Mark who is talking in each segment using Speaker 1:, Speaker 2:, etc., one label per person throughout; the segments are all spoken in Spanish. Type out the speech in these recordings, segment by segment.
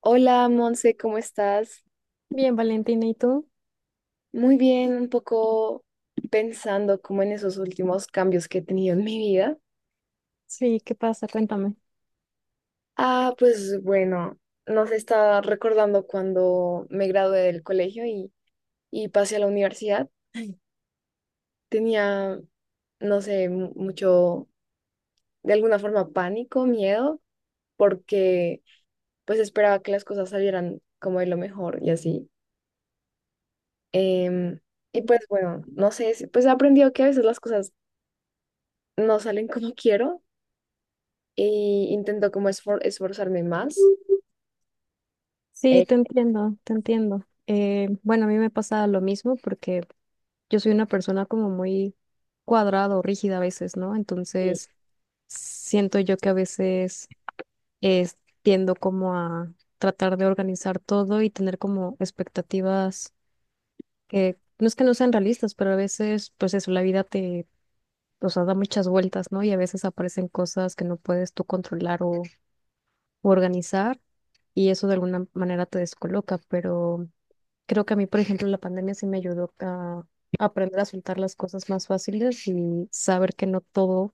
Speaker 1: Hola, Monse, ¿cómo estás?
Speaker 2: Bien, Valentina, ¿y tú?
Speaker 1: Muy bien, un poco pensando como en esos últimos cambios que he tenido en mi vida.
Speaker 2: Sí, ¿qué pasa? Cuéntame.
Speaker 1: Ah, pues bueno, no se está recordando cuando me gradué del colegio y pasé a la universidad. Tenía, no sé, mucho, de alguna forma, pánico, miedo, porque pues esperaba que las cosas salieran como de lo mejor y así. Em, y pues bueno, no sé, pues he aprendido que a veces las cosas no salen como quiero y intento como esforzarme más.
Speaker 2: Sí,
Speaker 1: Eh,
Speaker 2: te entiendo, te entiendo. Bueno, a mí me pasa lo mismo porque yo soy una persona como muy cuadrada o rígida a veces, ¿no?
Speaker 1: sí,
Speaker 2: Entonces, siento yo que a veces eh, tiendo como a tratar de organizar todo y tener como expectativas que no es que no sean realistas, pero a veces, pues eso, la vida te, o sea, da muchas vueltas, ¿no? Y a veces aparecen cosas que no puedes tú controlar o u organizar y eso de alguna manera te descoloca, pero creo que a mí, por ejemplo, la pandemia sí me ayudó a aprender a soltar las cosas más fáciles y saber que no todo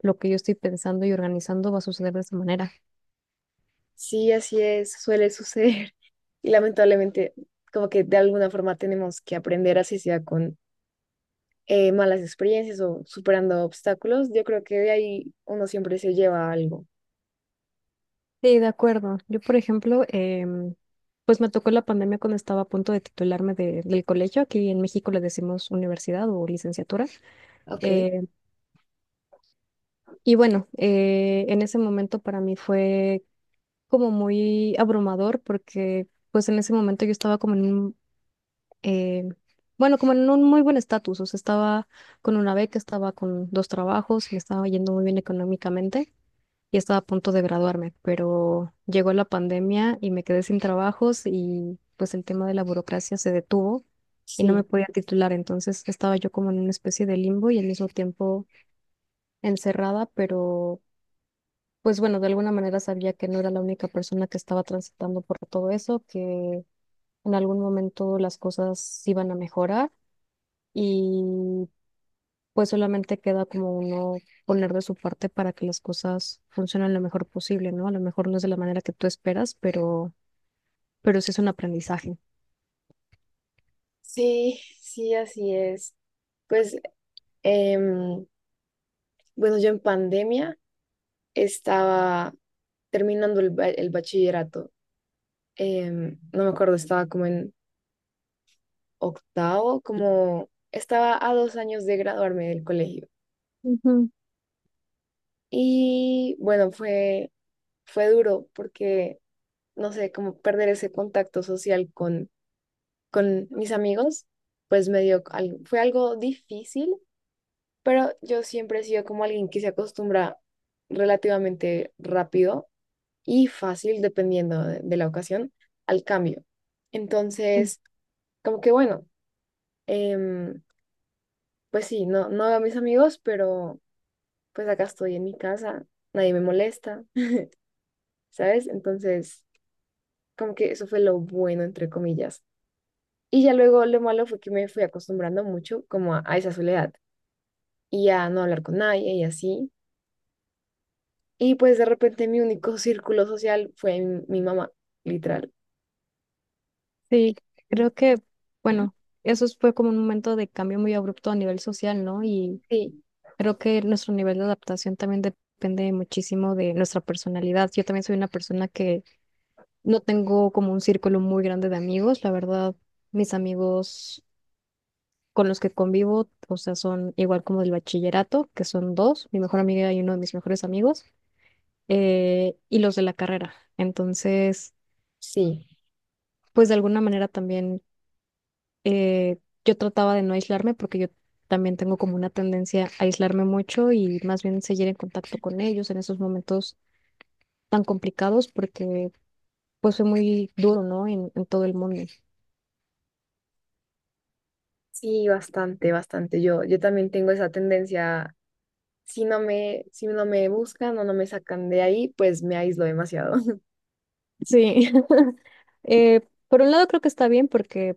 Speaker 2: lo que yo estoy pensando y organizando va a suceder de esa manera.
Speaker 1: sí, así es, suele suceder. Y lamentablemente, como que de alguna forma tenemos que aprender, así sea con malas experiencias o superando obstáculos. Yo creo que de ahí uno siempre se lleva algo.
Speaker 2: Sí, de acuerdo. Yo, por ejemplo, pues me tocó la pandemia cuando estaba a punto de titularme del colegio. Aquí en México le decimos universidad o licenciatura.
Speaker 1: Ok,
Speaker 2: Eh, y bueno, en ese momento para mí fue como muy abrumador porque pues en ese momento yo estaba como en eh, un muy buen estatus, o sea, estaba con una beca, estaba con dos trabajos, me estaba yendo muy bien económicamente y estaba a punto de graduarme, pero llegó la pandemia y me quedé sin trabajos y pues el tema de la burocracia se detuvo. Y no me
Speaker 1: sí,
Speaker 2: podía titular, entonces estaba yo como en una especie de limbo y al mismo tiempo encerrada, pero pues bueno, de alguna manera sabía que no era la única persona que estaba transitando por todo eso, que en algún momento las cosas iban a mejorar y pues solamente queda como uno poner de su parte para que las cosas funcionen lo mejor posible, ¿no? A lo mejor no es de la manera que tú esperas, pero sí es un aprendizaje.
Speaker 1: sí, sí, así es. Pues, em, bueno, yo en pandemia estaba terminando el bachillerato. No me acuerdo, estaba como en octavo, como estaba a dos años de graduarme del colegio.
Speaker 2: Ujú.
Speaker 1: Y bueno, fue duro porque, no sé, como perder ese contacto social con mis amigos, pues me dio, fue algo difícil, pero yo siempre he sido como alguien que se acostumbra relativamente rápido y fácil, dependiendo de la ocasión, al cambio.
Speaker 2: Sí.
Speaker 1: Entonces, como que bueno. em, Pues sí, no, no veo a mis amigos, pero pues acá estoy en mi casa, nadie me molesta, ¿sabes? Entonces, como que eso fue lo bueno, entre comillas. Y ya luego lo malo fue que me fui acostumbrando mucho como a esa soledad y a no hablar con nadie y así. Y pues de repente mi único círculo social fue mi mamá, literal.
Speaker 2: Sí,
Speaker 1: Mm.
Speaker 2: creo que,
Speaker 1: Ujú.
Speaker 2: bueno, eso fue como un momento de cambio muy abrupto a nivel social, ¿no? Y
Speaker 1: Sí,
Speaker 2: creo que nuestro nivel de adaptación también depende muchísimo de nuestra personalidad. Yo también soy una persona que no tengo como un círculo muy grande de amigos. La verdad, mis amigos con los que convivo, o sea, son igual como del bachillerato, que son dos, mi mejor amiga y uno de mis mejores amigos, y los de la carrera. Entonces,
Speaker 1: sí,
Speaker 2: pues de alguna manera también eh, yo trataba de no aislarme porque yo también tengo como una tendencia a aislarme mucho y más bien seguir en contacto con ellos en esos momentos tan complicados porque pues fue muy duro, ¿no? En todo el mundo.
Speaker 1: sí, bastante, bastante. Yo también tengo esa tendencia, si no me buscan o no me sacan de ahí, pues me aíslo demasiado.
Speaker 2: Sí. Eh, por un lado creo que está bien porque,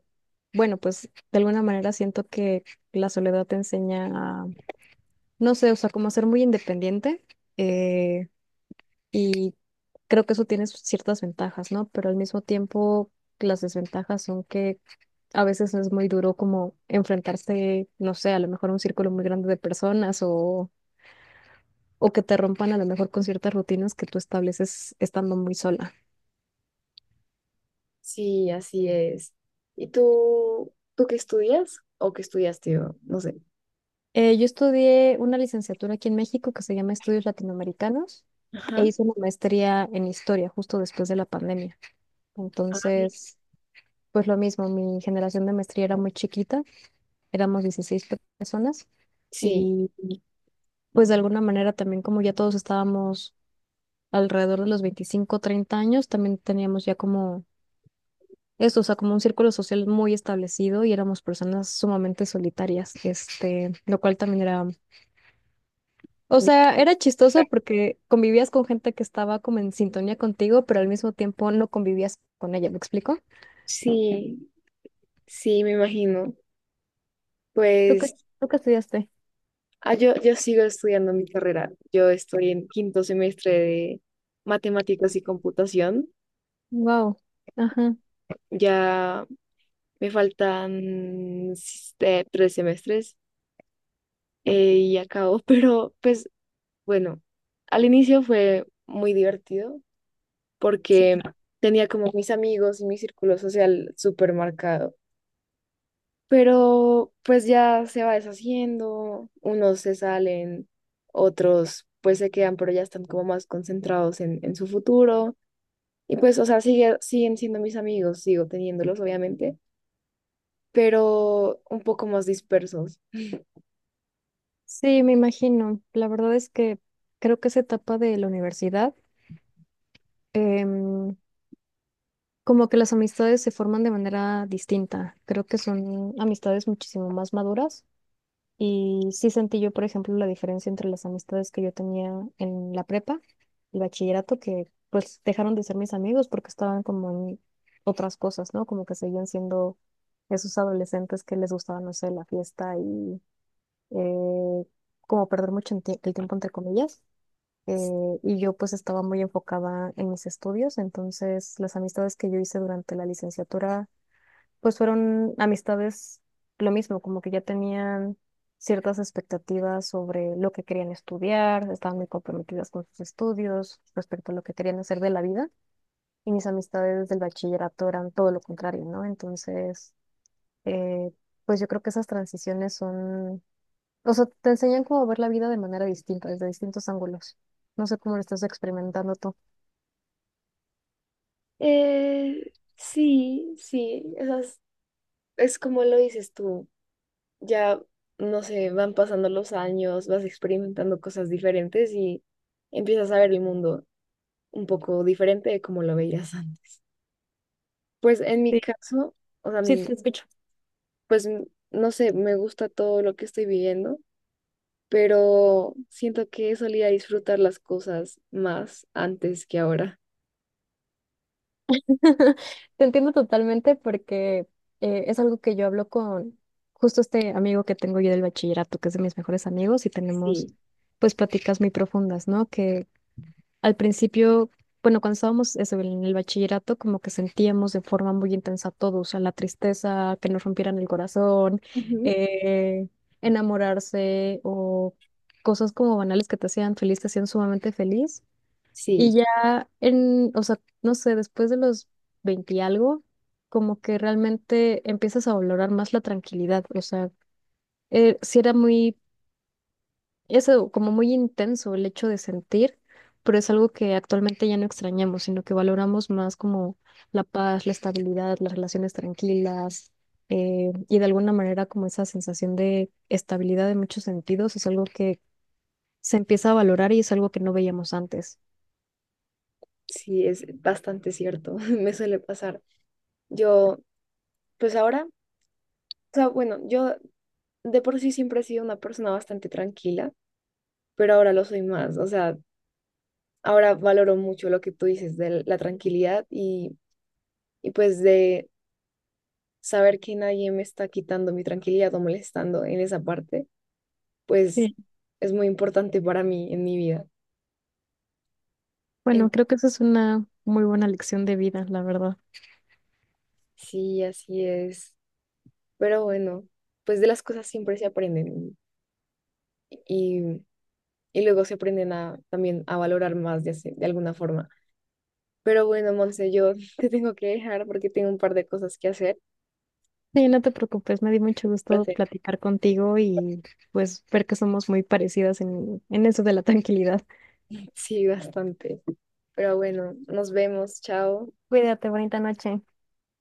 Speaker 2: bueno, pues de alguna manera siento que la soledad te enseña a, no sé, o sea, como a ser muy independiente eh, y creo que eso tiene sus ciertas ventajas, ¿no? Pero al mismo tiempo las desventajas son que a veces es muy duro como enfrentarse, no sé, a lo mejor a un círculo muy grande de personas o que te rompan a lo mejor con ciertas rutinas que tú estableces estando muy sola.
Speaker 1: Sí, así es. ¿Y tú qué estudias o qué estudiaste? O, no sé.
Speaker 2: Yo estudié una licenciatura aquí en México que se llama Estudios Latinoamericanos
Speaker 1: Ajá.
Speaker 2: e hice una maestría en historia justo después de la pandemia.
Speaker 1: Ah, bien.
Speaker 2: Entonces, pues lo mismo, mi generación de maestría era muy chiquita, éramos 16 personas
Speaker 1: Sí.
Speaker 2: y pues de alguna manera también como ya todos estábamos alrededor de los 25-30 años, también teníamos ya como esto, o sea, como un círculo social muy establecido y éramos personas sumamente solitarias, este, lo cual también era, o sea, era chistoso
Speaker 1: Distrae.
Speaker 2: porque convivías con gente que estaba como en sintonía contigo, pero al mismo tiempo no convivías con ella, ¿me explico?
Speaker 1: Sí, sí, me imagino.
Speaker 2: ¿Tú qué,
Speaker 1: Pues
Speaker 2: ¿tú qué estudiaste?
Speaker 1: ah, yo sigo estudiando mi carrera. Yo estoy en quinto semestre de matemáticas y computación.
Speaker 2: Wow. Ajá.
Speaker 1: Ya me faltan tres semestres y acabo, pero pues bueno, al inicio fue muy divertido
Speaker 2: Sí.
Speaker 1: porque tenía como mis amigos y mi círculo social súper marcado. Pero pues ya se va deshaciendo, unos se salen, otros pues se quedan, pero ya están como más concentrados en su futuro. Y pues, o sea, siguen siendo mis amigos, sigo teniéndolos, obviamente, pero un poco más dispersos.
Speaker 2: Sí, me imagino. La verdad es que creo que esa etapa de la universidad, em, como que las amistades se forman de manera distinta. Creo que son amistades muchísimo más maduras. Y sí sentí yo, por ejemplo, la diferencia entre las amistades que yo tenía en la prepa, el bachillerato, que pues dejaron de ser mis amigos porque estaban como en otras cosas, ¿no? Como que seguían siendo esos adolescentes que les gustaba, no sé, la fiesta y eh, como perder mucho en el tiempo, entre comillas. Y yo pues estaba muy enfocada en mis estudios, entonces las amistades que yo hice durante la licenciatura pues fueron amistades lo mismo, como que ya tenían ciertas expectativas sobre lo que querían estudiar, estaban muy comprometidas con sus estudios respecto a lo que querían hacer de la vida. Y mis amistades del bachillerato eran todo lo contrario, ¿no? Entonces, eh, pues yo creo que esas transiciones son, o sea, te enseñan cómo ver la vida de manera distinta, desde distintos ángulos. No sé cómo lo estás experimentando tú.
Speaker 1: Sí, sí, esas, es como lo dices tú. Ya, no sé, van pasando los años, vas experimentando cosas diferentes y empiezas a ver el mundo un poco diferente de como lo veías antes. Pues en mi
Speaker 2: Sí,
Speaker 1: caso, o sea,
Speaker 2: sí,
Speaker 1: mi,
Speaker 2: te escucho.
Speaker 1: pues no sé, me gusta todo lo que estoy viviendo, pero siento que solía disfrutar las cosas más antes que ahora.
Speaker 2: Te entiendo totalmente porque es algo que yo hablo con justo este amigo que tengo yo del bachillerato, que es de mis mejores amigos, y tenemos
Speaker 1: Sí,
Speaker 2: pues pláticas muy profundas, ¿no? Que al principio, bueno, cuando estábamos eso, en el bachillerato, como que sentíamos de forma muy intensa todo, o sea, la tristeza, que nos rompieran el corazón,
Speaker 1: Ujú.
Speaker 2: eh, enamorarse o cosas como banales que te hacían feliz, te hacían sumamente feliz. Y
Speaker 1: Sí,
Speaker 2: ya en, o sea, no sé, después de los 20 y algo, como que realmente empiezas a valorar más la tranquilidad. O sea, sí era muy, eso, como muy intenso el hecho de sentir, pero es algo que actualmente ya no extrañamos, sino que valoramos más como la paz, la estabilidad, las relaciones tranquilas, y de alguna manera como esa sensación de estabilidad en muchos sentidos es algo que se empieza a valorar y es algo que no veíamos antes.
Speaker 1: sí, es bastante cierto, me suele pasar. Yo, pues ahora, o sea, bueno, yo de por sí siempre he sido una persona bastante tranquila, pero ahora lo soy más. O sea, ahora valoro mucho lo que tú dices de la tranquilidad y pues de saber que nadie me está quitando mi tranquilidad o molestando en esa parte, pues es muy importante para mí en mi vida. En-
Speaker 2: Bueno, creo que eso es una muy buena lección de vida, la verdad.
Speaker 1: sí, así es. Pero bueno, pues de las cosas siempre se aprenden y, y luego se aprenden a, también a valorar más de, de alguna forma. Pero bueno, Monse, yo te tengo que dejar porque tengo un par de cosas que hacer.
Speaker 2: Sí, no te preocupes, me dio mucho gusto
Speaker 1: Placer.
Speaker 2: platicar contigo y pues ver que somos muy parecidas en eso de la tranquilidad.
Speaker 1: Sí, bastante. Pero bueno, nos vemos. Chao.
Speaker 2: Cuídate, bonita noche.